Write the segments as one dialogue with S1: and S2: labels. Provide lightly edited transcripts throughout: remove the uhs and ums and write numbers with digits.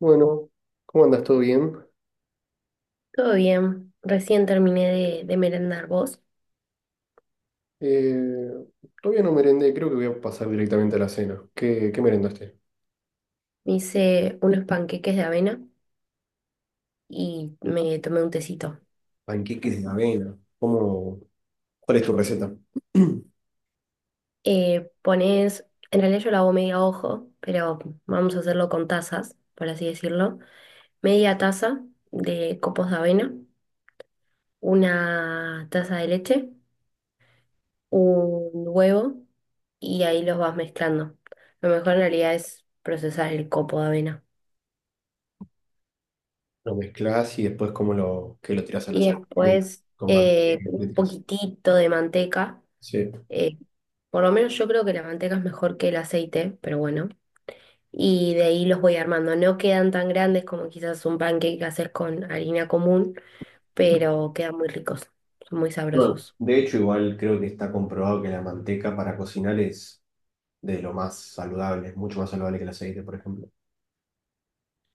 S1: Bueno, ¿cómo andas? ¿Todo bien?
S2: Todo bien, recién terminé de merendar vos.
S1: Eh, Todavía no merendé, creo que voy a pasar directamente a la cena. ¿Qué merendaste?
S2: Me hice unos panqueques de avena y me tomé un tecito.
S1: Panqueques de avena. ¿Cómo? ¿Cuál es tu receta?
S2: Eh, pones, en realidad yo lo hago medio ojo, pero vamos a hacerlo con tazas, por así decirlo. Media taza de copos de avena, una taza de leche, un huevo y ahí los vas mezclando. Lo mejor en realidad es procesar el copo de avena.
S1: Lo mezclas y después cómo lo, que lo tiras a la
S2: Y
S1: sartén
S2: después
S1: con manteca, le
S2: un
S1: tirás.
S2: poquitito de manteca.
S1: Sí.
S2: eh, Por lo menos yo creo que la manteca es mejor que el aceite, pero bueno. Y de ahí los voy armando. No quedan tan grandes como quizás un pancake hacer con harina común, pero quedan muy ricos, son muy
S1: Bueno,
S2: sabrosos.
S1: de hecho, igual creo que está comprobado que la manteca para cocinar es de lo más saludable, es mucho más saludable que el aceite, por ejemplo.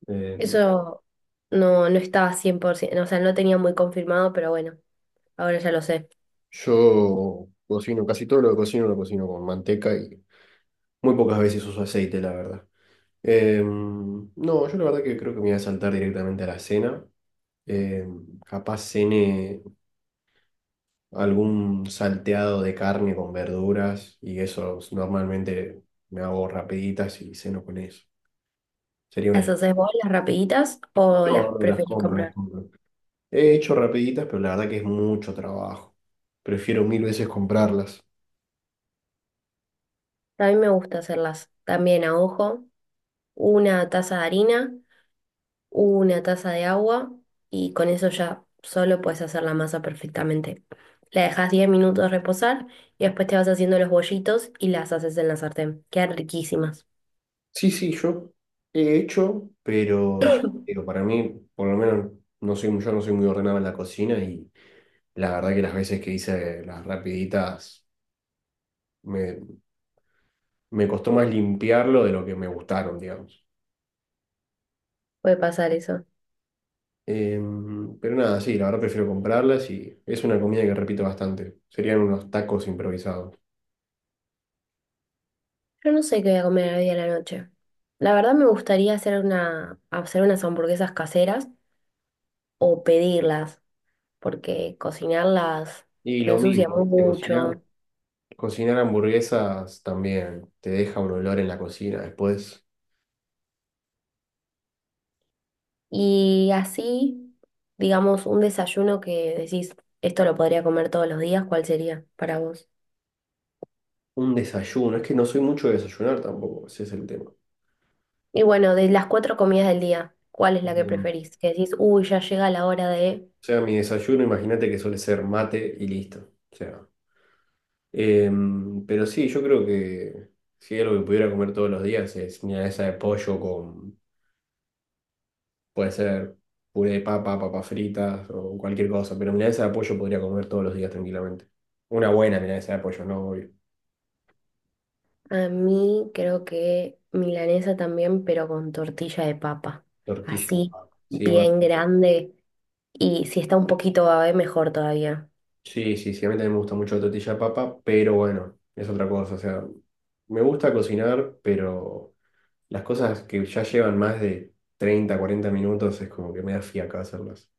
S1: Eh,
S2: Eso no estaba 100%, o sea, no tenía muy confirmado, pero bueno, ahora ya lo sé.
S1: yo cocino, casi todo lo que cocino lo cocino con manteca y muy pocas veces uso aceite, la verdad. No, yo la verdad que creo que me voy a saltar directamente a la cena. Capaz cene algún salteado de carne con verduras y eso normalmente me hago rapiditas y ceno con eso. Sería
S2: ¿Las
S1: una...
S2: haces vos las rapiditas o
S1: No,
S2: las
S1: no las
S2: preferís
S1: compro, las
S2: comprar?
S1: compro. He hecho rapiditas, pero la verdad que es mucho trabajo. Prefiero mil veces comprarlas.
S2: A mí me gusta hacerlas también a ojo. Una taza de harina, una taza de agua y con eso ya solo puedes hacer la masa perfectamente. La dejas 10 minutos reposar y después te vas haciendo los bollitos y las haces en la sartén. Quedan riquísimas.
S1: Sí, sí, yo he hecho, pero yo digo, para mí, por lo menos, no soy, yo no soy muy ordenado en la cocina y la verdad que las veces que hice las rapiditas me, me costó más limpiarlo de lo que me gustaron, digamos.
S2: Puede pasar eso.
S1: Pero nada, sí, la verdad prefiero comprarlas y es una comida que repito bastante. Serían unos tacos improvisados.
S2: Yo no sé qué voy a comer hoy a la noche. La verdad me gustaría hacer unas hamburguesas caseras o pedirlas, porque cocinarlas
S1: Y
S2: se
S1: lo
S2: ensucia
S1: mismo, ¿viste?
S2: mucho.
S1: Cocinar hamburguesas también te deja un olor en la cocina. Después,
S2: Y así, digamos, un desayuno que decís, esto lo podría comer todos los días, ¿cuál sería para vos?
S1: un desayuno. Es que no soy mucho de desayunar tampoco, ese es el tema.
S2: Y bueno, de las cuatro comidas del día, ¿cuál es la que
S1: Em, o
S2: preferís? Que decís, uy, ya llega la hora de...
S1: sea, mi desayuno, imagínate que suele ser mate y listo. O sea, pero sí, yo creo que si hay algo que pudiera comer todos los días es milanesa de pollo con, puede ser puré de papa, papas fritas o cualquier cosa, pero milanesa de pollo podría comer todos los días tranquilamente. Una buena milanesa de pollo, no obvio.
S2: A mí creo que milanesa también, pero con tortilla de papa.
S1: Tortilla de
S2: Así,
S1: papa. Sí, bueno,
S2: bien grande. Y si está un poquito babe, mejor todavía.
S1: sí, sí, sí, a mí también me gusta mucho la tortilla de papa, pero bueno, es otra cosa, o sea, me gusta cocinar, pero las cosas que ya llevan más de 30 40 minutos es como que me da fiaca hacerlas.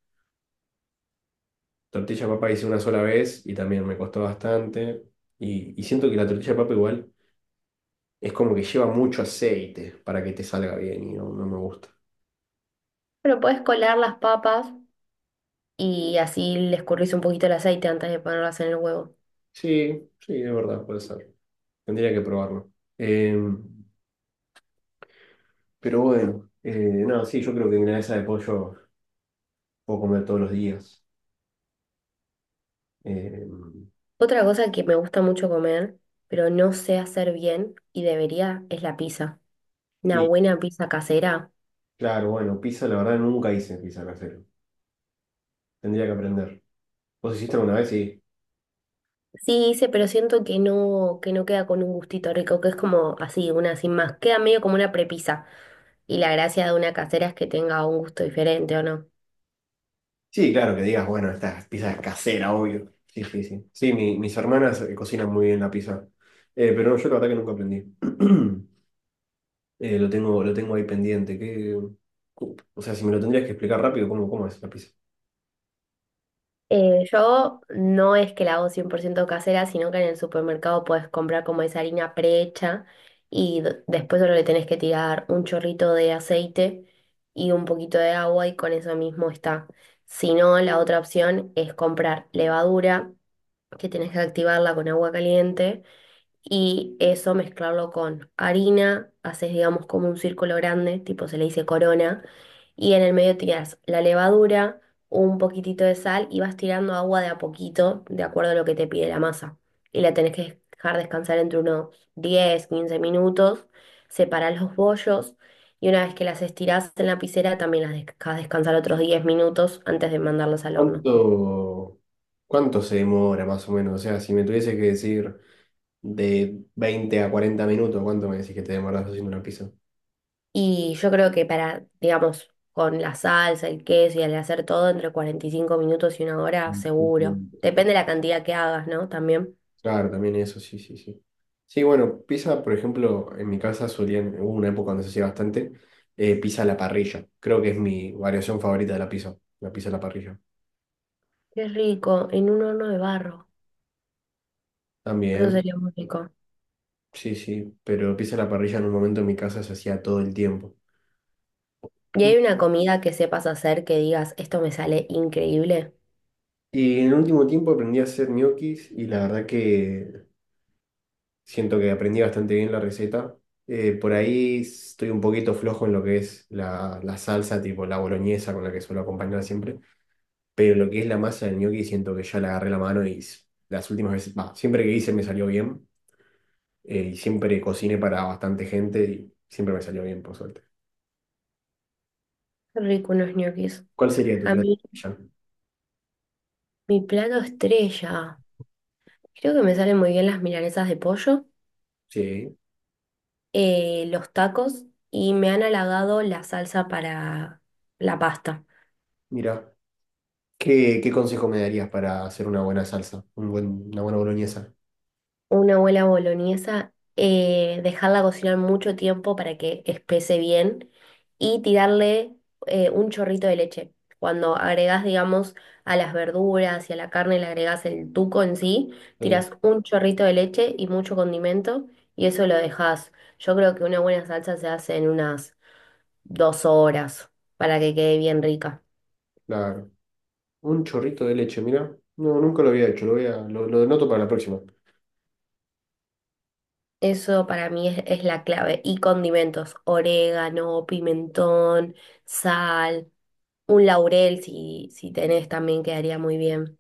S1: Tortilla de papa hice una sola vez y también me costó bastante. Y siento que la tortilla de papa igual es como que lleva mucho aceite para que te salga bien y no, no me gusta.
S2: Pero podés colar las papas y así le escurrís un poquito el aceite antes de ponerlas en el huevo.
S1: Sí, sí, es verdad, puede ser. Tendría que probarlo. Eh, pero bueno, no, sí, yo creo que milanesa de pollo puedo comer todos los días. Eh,
S2: Otra cosa que me gusta mucho comer, pero no sé hacer bien y debería, es la pizza. Una
S1: pi-
S2: buena pizza casera.
S1: claro, bueno, pizza la verdad nunca hice pizza casero. Tendría que aprender. ¿Vos hiciste alguna vez? Sí.
S2: Sí hice, pero siento que no queda con un gustito rico, que es como así, una sin más. Queda medio como una prepizza. Y la gracia de una casera es que tenga un gusto diferente, ¿o no?
S1: Sí, claro, que digas, bueno, esta pizza es casera, obvio. Sí, sí, sí. Sí, mis hermanas cocinan muy bien la pizza. Pero no, yo la verdad que nunca aprendí. Lo tengo ahí pendiente. O sea, si me lo tendrías que explicar rápido, ¿cómo, cómo es la pizza?
S2: Yo no es que la hago 100% casera, sino que en el supermercado puedes comprar como esa harina prehecha y después solo le tenés que tirar un chorrito de aceite y un poquito de agua y con eso mismo está. Si no, la otra opción es comprar levadura, que tenés que activarla con agua caliente y eso mezclarlo con harina, haces digamos como un círculo grande, tipo se le dice corona, y en el medio tiras la levadura, un poquitito de sal y vas tirando agua de a poquito, de acuerdo a lo que te pide la masa. Y la tenés que dejar descansar entre unos 10 15 minutos, separás los bollos y una vez que las estirás en la piscera también las dejas descansar otros 10 minutos antes de mandarlas al horno.
S1: ¿Cuánto, cuánto se demora más o menos? O sea, si me tuviese que decir de 20 a 40 minutos, ¿cuánto me decís que te demoras haciendo una pizza?
S2: Y yo creo que para, digamos, con la salsa, el queso y al hacer todo entre 45 minutos y una hora,
S1: Mm,
S2: seguro. Depende de la cantidad que hagas, ¿no? También.
S1: Claro, también eso, sí, sí, sí. Sí, bueno, pizza, por ejemplo, en mi casa solían, hubo una época donde se hacía bastante, pizza a la parrilla. Creo que es mi variación favorita de la pizza a la parrilla.
S2: Qué rico, en un horno de barro. Eso
S1: También,
S2: sería muy rico.
S1: sí, sí, pero pizza a la parrilla en un momento en mi casa se hacía todo el tiempo.
S2: ¿Y
S1: Mm.
S2: hay una comida que sepas hacer que digas, esto me sale increíble?
S1: Y en el último tiempo aprendí a hacer ñoquis y la verdad que siento que aprendí bastante bien la receta. Por ahí estoy un poquito flojo en lo que es la salsa, tipo la boloñesa con la que suelo acompañar siempre. Pero lo que es la masa del gnocchi siento que ya le agarré la mano las últimas veces, bah, siempre que hice me salió bien y siempre cociné para bastante gente y siempre me salió bien, por suerte.
S2: Qué rico unos ñoquis.
S1: ¿Cuál sería tu
S2: A
S1: plato?
S2: mí,
S1: Ya.
S2: mi plato estrella. Creo que me salen muy bien las milanesas de pollo,
S1: Sí,
S2: los tacos y me han halagado la salsa para la pasta.
S1: mira, ¿qué consejo me darías para hacer una buena salsa? Una buena boloñesa.
S2: Una abuela boloñesa, dejarla cocinar mucho tiempo para que espese bien y tirarle un chorrito de leche. Cuando agregás, digamos, a las verduras y a la carne, le agregás el tuco en sí,
S1: Sí,
S2: tiras un chorrito de leche y mucho condimento y eso lo dejas. Yo creo que una buena salsa se hace en unas dos horas para que quede bien rica.
S1: claro. Un chorrito de leche, mira. No, nunca lo había hecho, lo voy a, lo noto para la próxima.
S2: Eso para mí es la clave. Y condimentos, orégano, pimentón, sal. Un laurel, si tenés también quedaría muy bien.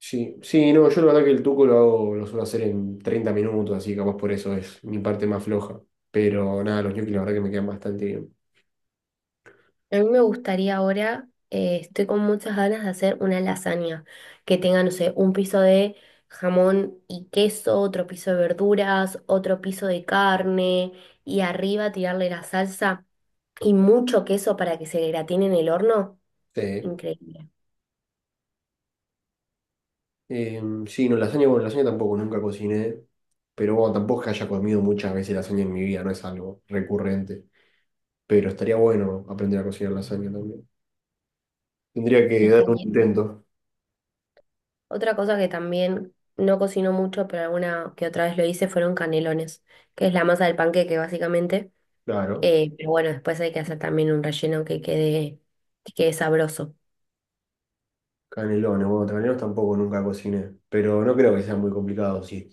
S1: Sí, sí, no, yo la verdad que el tuco lo hago, lo suelo hacer en 30 minutos, así que capaz por eso es mi parte más floja. Pero nada, los ñoquis la verdad que me quedan bastante bien.
S2: A mí me gustaría ahora, estoy con muchas ganas de hacer una lasaña que tenga, no sé, un piso de jamón y queso, otro piso de verduras, otro piso de carne y arriba tirarle la salsa y mucho queso para que se gratine en el horno.
S1: Sí,
S2: Increíble.
S1: Eh, sí, no, lasaña, bueno, lasaña tampoco nunca cociné, pero bueno, tampoco es que haya comido muchas veces lasaña en mi vida, no es algo recurrente. Pero estaría bueno aprender a cocinar lasaña también. Tendría que
S2: Y
S1: darle un
S2: canela.
S1: intento,
S2: Otra cosa que también no cocino mucho, pero alguna que otra vez lo hice, fueron canelones, que es la masa del panqueque básicamente.
S1: claro.
S2: Pero bueno, después hay que hacer también un relleno que quede sabroso.
S1: Canelones, bueno, canelones tampoco nunca cociné, pero no creo que sea muy complicado, sí.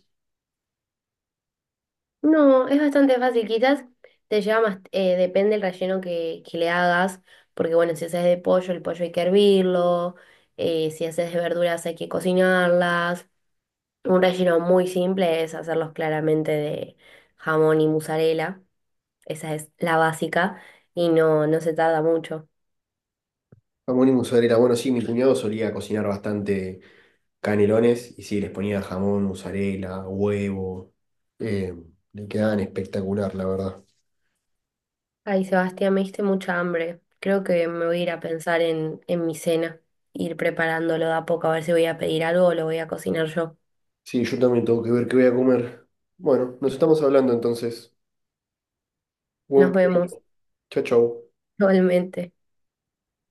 S2: No, es bastante fácil. Quizás te lleva más, depende del relleno que le hagas, porque bueno, si haces de pollo, el pollo hay que hervirlo, si haces de verduras hay que cocinarlas. Un relleno muy simple es hacerlos claramente de jamón y mozzarella, esa es la básica y no, no se tarda mucho.
S1: Jamón y mozzarella. Bueno, sí, mi cuñado solía cocinar bastante canelones y sí, les ponía jamón, mozzarella, huevo. eh, Le quedaban espectacular, la verdad.
S2: Ay, Sebastián, me diste mucha hambre. Creo que me voy a ir a pensar en mi cena, ir preparándolo de a poco, a ver si voy a pedir algo o lo voy a cocinar yo.
S1: Sí, yo también tengo que ver qué voy a comer. Bueno, nos estamos hablando entonces. Buen
S2: Nos vemos,
S1: provecho. Chau, chau.
S2: igualmente.